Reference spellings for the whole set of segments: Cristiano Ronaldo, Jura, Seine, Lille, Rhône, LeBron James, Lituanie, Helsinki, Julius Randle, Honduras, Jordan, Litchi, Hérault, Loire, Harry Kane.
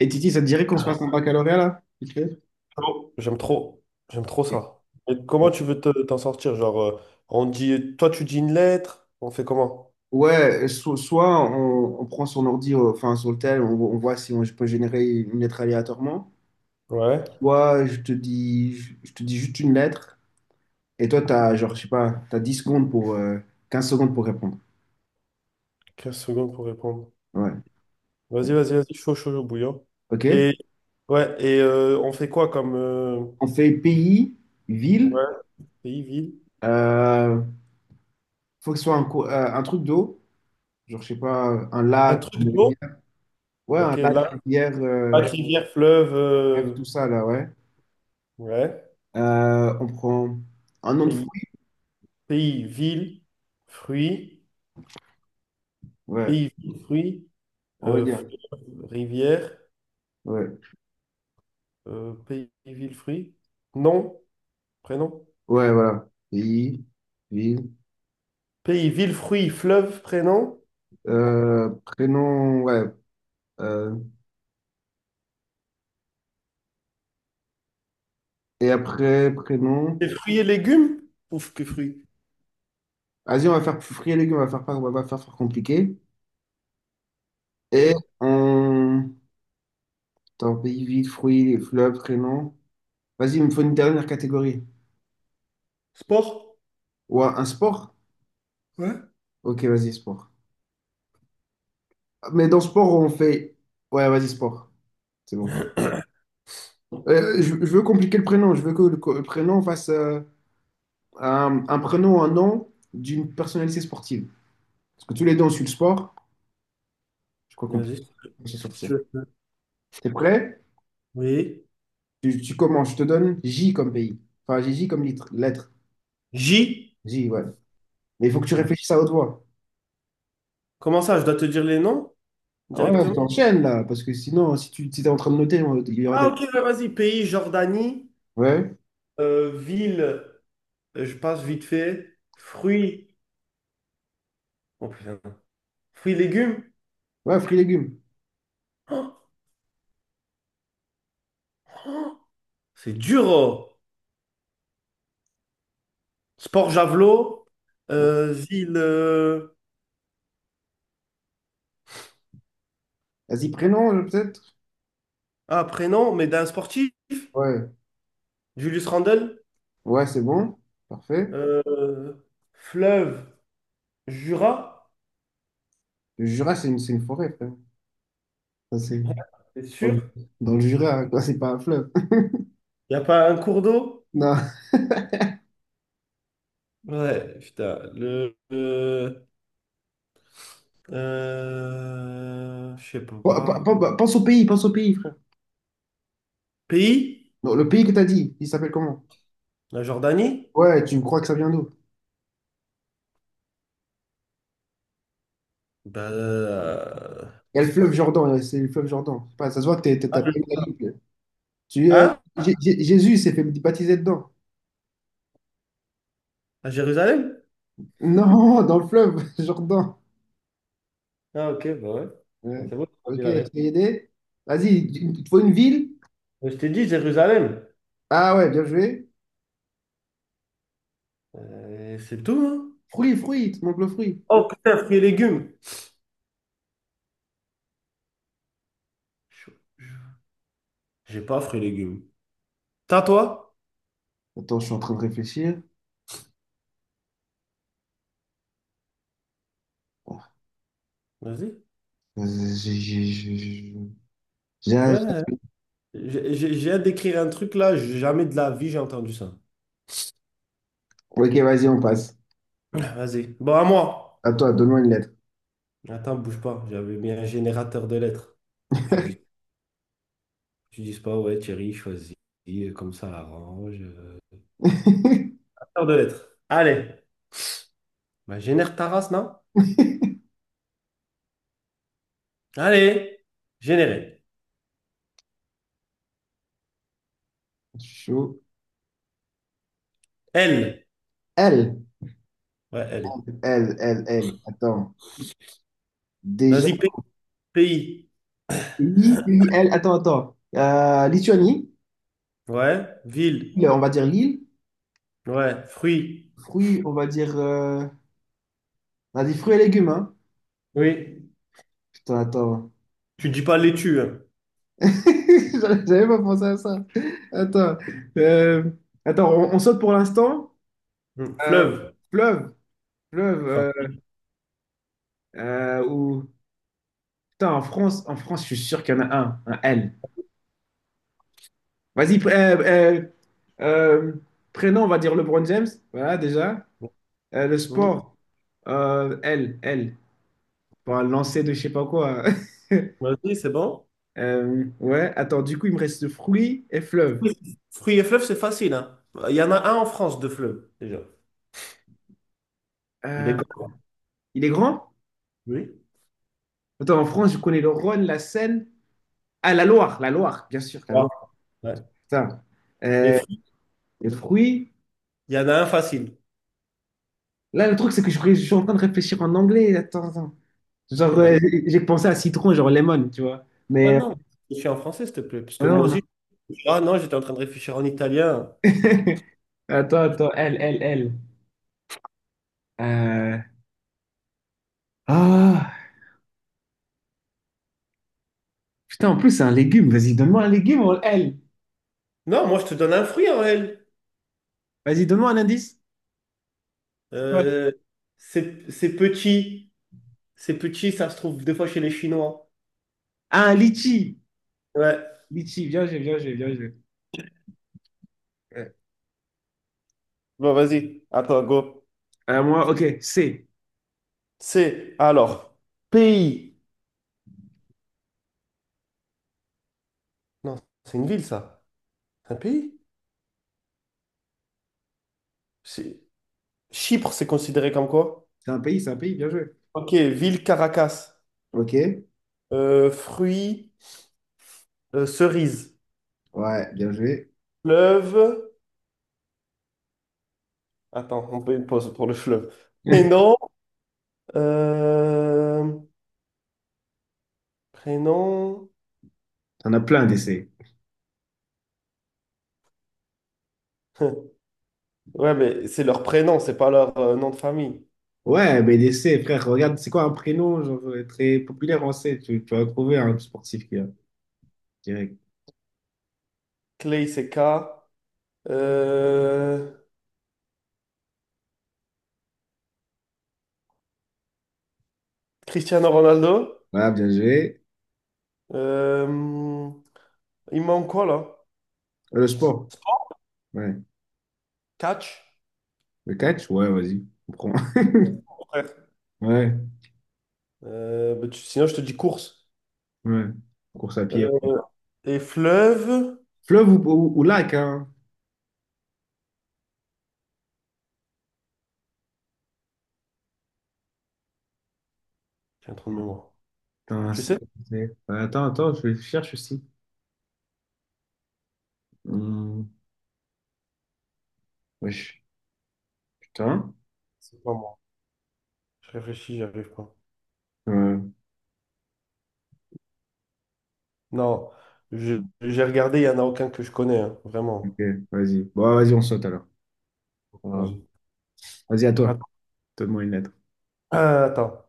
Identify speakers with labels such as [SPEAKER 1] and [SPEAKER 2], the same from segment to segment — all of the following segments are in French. [SPEAKER 1] Et Titi, ça te dirait qu'on se fasse un baccalauréat là? Vite fait.
[SPEAKER 2] Oh, j'aime trop. J'aime trop ça. Et comment tu veux t'en sortir? On dit, toi, tu dis une lettre, on fait comment?
[SPEAKER 1] Ouais, soit on prend son ordi, enfin, sur le tel, on voit si on, je peux générer une lettre aléatoirement.
[SPEAKER 2] Ouais,
[SPEAKER 1] Soit je te dis, je te dis juste une lettre et toi, tu as, genre, je sais pas, tu 10 secondes pour, 15 secondes pour répondre.
[SPEAKER 2] 15 secondes pour répondre.
[SPEAKER 1] Ouais. Ouais.
[SPEAKER 2] Vas-y, vas-y, vas-y, chaud, chaud, chaud, bouillant.
[SPEAKER 1] OK?
[SPEAKER 2] Et, ouais, et on fait quoi comme
[SPEAKER 1] On fait pays, ville.
[SPEAKER 2] ouais, pays, ville?
[SPEAKER 1] euh, Faut que ce soit un truc d'eau, genre, je sais pas, un
[SPEAKER 2] Un
[SPEAKER 1] lac,
[SPEAKER 2] truc
[SPEAKER 1] une
[SPEAKER 2] d'eau?
[SPEAKER 1] rivière. Ouais, un
[SPEAKER 2] Ok,
[SPEAKER 1] lac,
[SPEAKER 2] lac,
[SPEAKER 1] rivière,
[SPEAKER 2] lac, rivière, fleuve.
[SPEAKER 1] bref, tout ça là, ouais.
[SPEAKER 2] Ouais,
[SPEAKER 1] On prend un nom de
[SPEAKER 2] pays,
[SPEAKER 1] fruit.
[SPEAKER 2] pays, ville, fruits,
[SPEAKER 1] Ouais,
[SPEAKER 2] pays, ville, fruits,
[SPEAKER 1] on va dire.
[SPEAKER 2] fleuve, rivière,
[SPEAKER 1] Ouais,
[SPEAKER 2] pays, ville, fruits. Nom, prénom.
[SPEAKER 1] ouais, voilà. Pays, ville,
[SPEAKER 2] Pays, ville, fruits, fleuve, prénom.
[SPEAKER 1] prénom, ouais. euh, et après, prénom.
[SPEAKER 2] Et fruits et légumes? Ouf, que fruits.
[SPEAKER 1] Vas-y, on va faire fruits et légumes, on va pas faire compliqué. Et
[SPEAKER 2] Ok.
[SPEAKER 1] on. Attends, pays, ville, fruits, fleuve, prénom. Vas-y, il me faut une dernière catégorie.
[SPEAKER 2] Sport?
[SPEAKER 1] Ou un sport?
[SPEAKER 2] Ouais.
[SPEAKER 1] Ok, vas-y, sport. Mais dans sport, on fait. Ouais, vas-y, sport. C'est bon. Je veux compliquer le prénom. Je veux que le prénom fasse. Un prénom, un nom d'une personnalité sportive. Parce que tous les deux, on suit le sport. Je crois qu'on peut
[SPEAKER 2] Vas-y,
[SPEAKER 1] s'en
[SPEAKER 2] si
[SPEAKER 1] sortir.
[SPEAKER 2] tu veux.
[SPEAKER 1] T'es prêt?
[SPEAKER 2] Oui.
[SPEAKER 1] Tu commences. Je te donne J comme pays. Enfin, j'ai J comme lettre.
[SPEAKER 2] J.
[SPEAKER 1] J, ouais. Mais il faut que tu
[SPEAKER 2] Ouais.
[SPEAKER 1] réfléchisses à haute voix.
[SPEAKER 2] Comment ça, je dois te dire les noms
[SPEAKER 1] Ah, ouais, ouais,
[SPEAKER 2] directement?
[SPEAKER 1] t'enchaînes là. Parce que sinon, si tu si t'es en train de noter, il y aura
[SPEAKER 2] Ah,
[SPEAKER 1] des.
[SPEAKER 2] ok, ouais, vas-y. Pays, Jordanie.
[SPEAKER 1] Ouais.
[SPEAKER 2] Ville, je passe vite fait. Fruits. Oh putain. Fruits, légumes.
[SPEAKER 1] Ouais, fruits légumes.
[SPEAKER 2] C'est dur. Oh. Sport, javelot.
[SPEAKER 1] Ouais.
[SPEAKER 2] Ville.
[SPEAKER 1] Vas-y, prénom, peut-être?
[SPEAKER 2] Ah, prénom, mais d'un sportif.
[SPEAKER 1] Ouais.
[SPEAKER 2] Julius Randle.
[SPEAKER 1] Ouais, c'est bon. Parfait.
[SPEAKER 2] Euh, Fleuve. Jura?
[SPEAKER 1] Le Jura, c'est une forêt, frère. Ça, c'est
[SPEAKER 2] C'est
[SPEAKER 1] dans
[SPEAKER 2] sûr?
[SPEAKER 1] le dans le Jura, hein, quoi, c'est pas un fleuve.
[SPEAKER 2] Il n'y a pas un cours d'eau?
[SPEAKER 1] Non.
[SPEAKER 2] Ouais, putain. Je sais pas.
[SPEAKER 1] Pense au pays, frère.
[SPEAKER 2] Pays?
[SPEAKER 1] Non, le pays que t'as dit, il s'appelle comment?
[SPEAKER 2] La Jordanie?
[SPEAKER 1] Ouais, tu me crois que ça vient d'où?
[SPEAKER 2] Bah, euh,
[SPEAKER 1] Il y a le fleuve Jordan, c'est le fleuve Jordan. Je sais pas, ça se voit que
[SPEAKER 2] ah,
[SPEAKER 1] t'as pas lu ta Bible. Tu, euh,
[SPEAKER 2] hein?
[SPEAKER 1] Jésus s'est fait baptiser dedans.
[SPEAKER 2] À Jérusalem?
[SPEAKER 1] Non, dans le fleuve Jordan.
[SPEAKER 2] Ah, ok, bah ouais. Bon,
[SPEAKER 1] Ouais.
[SPEAKER 2] c'est bon, j'ai
[SPEAKER 1] Ok,
[SPEAKER 2] entendu la
[SPEAKER 1] je t'ai
[SPEAKER 2] réponse.
[SPEAKER 1] aidé. Vas-y, il te faut une ville.
[SPEAKER 2] Mais je t'ai dit Jérusalem.
[SPEAKER 1] Ah ouais, bien joué.
[SPEAKER 2] C'est tout, hein?
[SPEAKER 1] Fruits, il te manque le fruit.
[SPEAKER 2] Oh, putain, fruits et légumes. Chaud. J'ai pas fruits et légumes. T'as toi?
[SPEAKER 1] Attends, je suis en train de réfléchir.
[SPEAKER 2] Vas-y.
[SPEAKER 1] Euh, j'ai- j'ai- j'ai- j'ai- j'ai-
[SPEAKER 2] Ouais, j'ai hâte d'écrire un truc là, j'ai jamais de la vie j'ai entendu ça.
[SPEAKER 1] Ok, vas-y, on passe.
[SPEAKER 2] Ah, vas-y. Bon, à moi.
[SPEAKER 1] À toi, donne-moi une lettre.
[SPEAKER 2] Attends, bouge pas. J'avais mis un générateur de lettres pour que tu dises pas, ouais, Thierry, choisis, comme ça, arrange. Générateur de lettres. Allez. Bah, génère ta race, non? Allez. Générer.
[SPEAKER 1] Chaud.
[SPEAKER 2] L.
[SPEAKER 1] L,
[SPEAKER 2] Ouais, L.
[SPEAKER 1] L, L, L. Attends. Déjà,
[SPEAKER 2] Vas-y, pays.
[SPEAKER 1] Lille, L, attends. Lituanie,
[SPEAKER 2] Ouais. Ville.
[SPEAKER 1] Lille, on va dire Lille.
[SPEAKER 2] Ouais. Fruits.
[SPEAKER 1] Fruits, on va dire. On a dit fruits et légumes, hein.
[SPEAKER 2] Oui.
[SPEAKER 1] Putain, attends.
[SPEAKER 2] Tu dis pas laitue, hein.
[SPEAKER 1] J'avais pas pensé à ça. Attends. Euh, Attends, on saute pour l'instant.
[SPEAKER 2] Hum.
[SPEAKER 1] Euh,
[SPEAKER 2] Fleuve.
[SPEAKER 1] Fleuve, fleuve.
[SPEAKER 2] Facile.
[SPEAKER 1] Ou... Putain, en France, je suis sûr qu'il y en a un L. Vas-y, euh, euh, prénom, on va dire LeBron James. Voilà, déjà. Le
[SPEAKER 2] Hum.
[SPEAKER 1] sport, L, L, pour un lancer de je sais pas quoi.
[SPEAKER 2] Vas-y, c'est bon.
[SPEAKER 1] Ouais, attends, du coup, il me reste fruits et fleuves.
[SPEAKER 2] Fruits et fleuves, c'est facile, hein. Il y en a un en France de fleuve, déjà. Il
[SPEAKER 1] Euh,
[SPEAKER 2] est grand.
[SPEAKER 1] il est grand?
[SPEAKER 2] Oui.
[SPEAKER 1] Attends, en France, je connais le Rhône, la Seine. Ah, la Loire, bien sûr, la
[SPEAKER 2] Ouais.
[SPEAKER 1] Loire.
[SPEAKER 2] Ouais.
[SPEAKER 1] Putain.
[SPEAKER 2] Les
[SPEAKER 1] Euh,
[SPEAKER 2] fruits,
[SPEAKER 1] les fruits.
[SPEAKER 2] il y en a un facile.
[SPEAKER 1] Là, le truc, c'est que je suis en train de réfléchir en anglais. Attends. Genre,
[SPEAKER 2] Bah,
[SPEAKER 1] j'ai pensé à citron, genre lemon, tu vois.
[SPEAKER 2] ouais,
[SPEAKER 1] Mais
[SPEAKER 2] non, je suis en français, s'il te plaît. Parce que
[SPEAKER 1] ouais, non,
[SPEAKER 2] moi
[SPEAKER 1] non.
[SPEAKER 2] aussi, ah non, j'étais en train de réfléchir en italien.
[SPEAKER 1] Attends, elle, elle, elle. Euh, Ah, putain, en plus, c'est un légume. Vas-y, donne-moi un légume, elle.
[SPEAKER 2] Non, moi, je te donne un fruit, Aurel.
[SPEAKER 1] Vas-y, donne-moi un indice.
[SPEAKER 2] Euh, c'est petit. C'est petit, ça se trouve des fois chez les Chinois.
[SPEAKER 1] Ah, Litchi.
[SPEAKER 2] Ouais.
[SPEAKER 1] Litchi, bien joué, bien joué, bien joué. Ouais.
[SPEAKER 2] Bon, vas-y. Attends, go.
[SPEAKER 1] Moi, ok, C.
[SPEAKER 2] C'est, alors, pays. Non, c'est une ville, ça. C'est un pays? C'est- Chypre, c'est considéré comme quoi?
[SPEAKER 1] C'est un pays, bien joué.
[SPEAKER 2] Ok, ville Caracas.
[SPEAKER 1] Ok,
[SPEAKER 2] Fruits, cerises.
[SPEAKER 1] ouais, bien joué.
[SPEAKER 2] Fleuve. Attends, on fait une pause pour le fleuve. Prénom. euh, Prénom.
[SPEAKER 1] T'en as plein des C.
[SPEAKER 2] Ouais, mais c'est leur prénom, c'est pas leur nom de famille.
[SPEAKER 1] Ouais, mais des C, frère, regarde, c'est quoi un prénom genre, très populaire en C? Tu vas trouver un sportif qui a direct.
[SPEAKER 2] Clay, c'est K. Euh, Cristiano Ronaldo.
[SPEAKER 1] Voilà, bien joué.
[SPEAKER 2] Euh, Il manque quoi là?
[SPEAKER 1] Le sport, ouais.
[SPEAKER 2] Catch.
[SPEAKER 1] Le catch, ouais, vas-y, on prend.
[SPEAKER 2] Ouais.
[SPEAKER 1] Ouais,
[SPEAKER 2] Sinon, je te dis course.
[SPEAKER 1] ouais. Course à pied,
[SPEAKER 2] Euh,
[SPEAKER 1] ouais.
[SPEAKER 2] Et fleuve.
[SPEAKER 1] Fleuve ou lac, hein?
[SPEAKER 2] J'ai un trou de mémoire.
[SPEAKER 1] Putain,
[SPEAKER 2] Tu sais?
[SPEAKER 1] attends, je cherche aussi. Hum, wesh, putain.
[SPEAKER 2] C'est pas moi. Je réfléchis, j'y arrive pas.
[SPEAKER 1] Ouais.
[SPEAKER 2] Non, j'ai regardé, il n'y en a aucun que je connais, hein,
[SPEAKER 1] Ok,
[SPEAKER 2] vraiment.
[SPEAKER 1] vas-y. Bon, bah, vas-y, on saute alors. On va-
[SPEAKER 2] Vas-y.
[SPEAKER 1] Vas-y, à toi. Donne-moi une lettre.
[SPEAKER 2] Attends,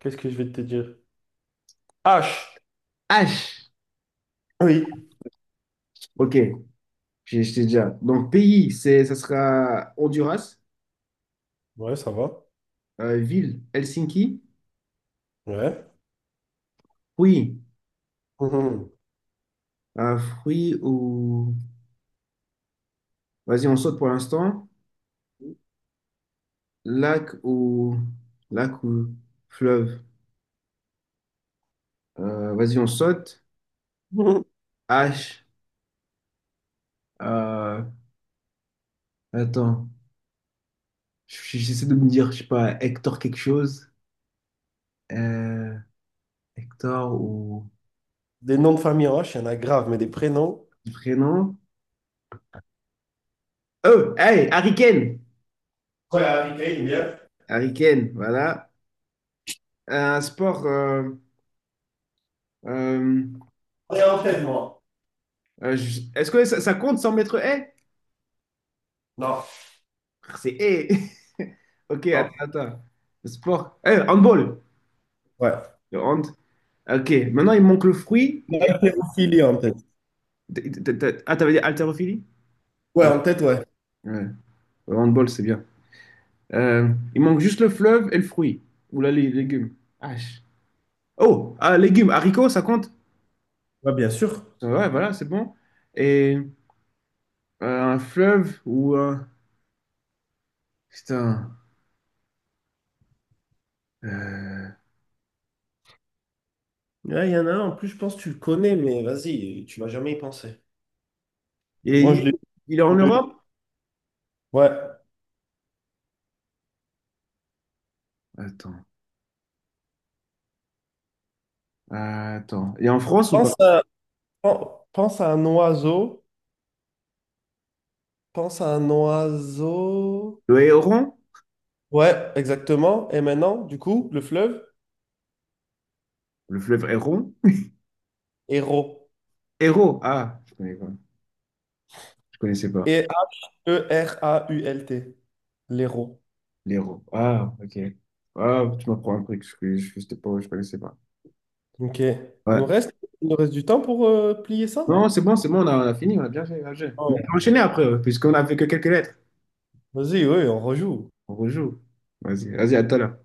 [SPEAKER 2] qu'est-ce que je vais te dire? H.
[SPEAKER 1] H.
[SPEAKER 2] Oui.
[SPEAKER 1] Ok, j'ai je déjà. Donc, pays, ça sera Honduras.
[SPEAKER 2] Ouais, ça va.
[SPEAKER 1] Ville, Helsinki.
[SPEAKER 2] Ouais.
[SPEAKER 1] Fruit.
[SPEAKER 2] Mhm.
[SPEAKER 1] Fruit ou. Vas-y, on saute pour l'instant. Lac ou. Lac ou fleuve. Vas-y, on saute.
[SPEAKER 2] Mhm.
[SPEAKER 1] H. Euh, Attends. J'essaie de me dire, je sais pas, Hector quelque chose. Euh, Hector ou.
[SPEAKER 2] Des noms de famille en H, il y en a grave, mais des prénoms.
[SPEAKER 1] Prénom. Oh, hey, Harry Kane.
[SPEAKER 2] Ouais, Harry Kane, bien.
[SPEAKER 1] Harry Kane, voilà. Un sport. Euh,
[SPEAKER 2] Et en tête, moi.
[SPEAKER 1] Est-ce que ça, compte 100 mètres haies?
[SPEAKER 2] Non,
[SPEAKER 1] C'est haies. Ok, attends,
[SPEAKER 2] non.
[SPEAKER 1] attends. Le sport. Eh, handball.
[SPEAKER 2] Ouais.
[SPEAKER 1] Le hand. Ok, maintenant il manque le fruit.
[SPEAKER 2] Ophélie en tête.
[SPEAKER 1] Ah, t'avais dit haltérophilie?
[SPEAKER 2] Ouais,
[SPEAKER 1] Ouais.
[SPEAKER 2] en tête, ouais.
[SPEAKER 1] Ouais. Le handball, c'est bien. Euh, il manque juste le fleuve et le fruit. Ou là, les légumes. Ah, oh, ah, légumes, haricots, ça compte?
[SPEAKER 2] Ouais, bien sûr.
[SPEAKER 1] Ouais, voilà, c'est bon. Et un fleuve ou un. Putain. Euh,
[SPEAKER 2] Ouais, il y en a un, en plus, je pense que tu le connais, mais vas-y, tu vas jamais y penser.
[SPEAKER 1] Et
[SPEAKER 2] Moi,
[SPEAKER 1] il,
[SPEAKER 2] je l'ai.
[SPEAKER 1] il est en
[SPEAKER 2] Je l'ai.
[SPEAKER 1] Europe?
[SPEAKER 2] Ouais.
[SPEAKER 1] Attends, attends. Et en France ou pas?
[SPEAKER 2] Pense à, pen- Pense à un oiseau. Pense à un oiseau.
[SPEAKER 1] Le Héron?
[SPEAKER 2] Ouais, exactement. Et maintenant, du coup, le fleuve,
[SPEAKER 1] Le fleuve Héron?
[SPEAKER 2] héros.
[SPEAKER 1] Hérault. Ah, je connais pas. Je connaissais pas.
[SPEAKER 2] Et AERAULT. L'héros.
[SPEAKER 1] L'Hérault. Ah, ok. Ah, tu m'apprends un truc. Je sais pas, je connaissais pas.
[SPEAKER 2] OK.
[SPEAKER 1] Ouais.
[SPEAKER 2] Il nous reste du temps pour plier ça?
[SPEAKER 1] Non, c'est bon, on a fini, on a bien fait, bien fait. Mais on peut
[SPEAKER 2] Oh.
[SPEAKER 1] enchaîner après, puisqu'on a fait que quelques lettres.
[SPEAKER 2] Vas-y, oui, on rejoue.
[SPEAKER 1] On rejoue. Vas-y, vas-y, à toi là.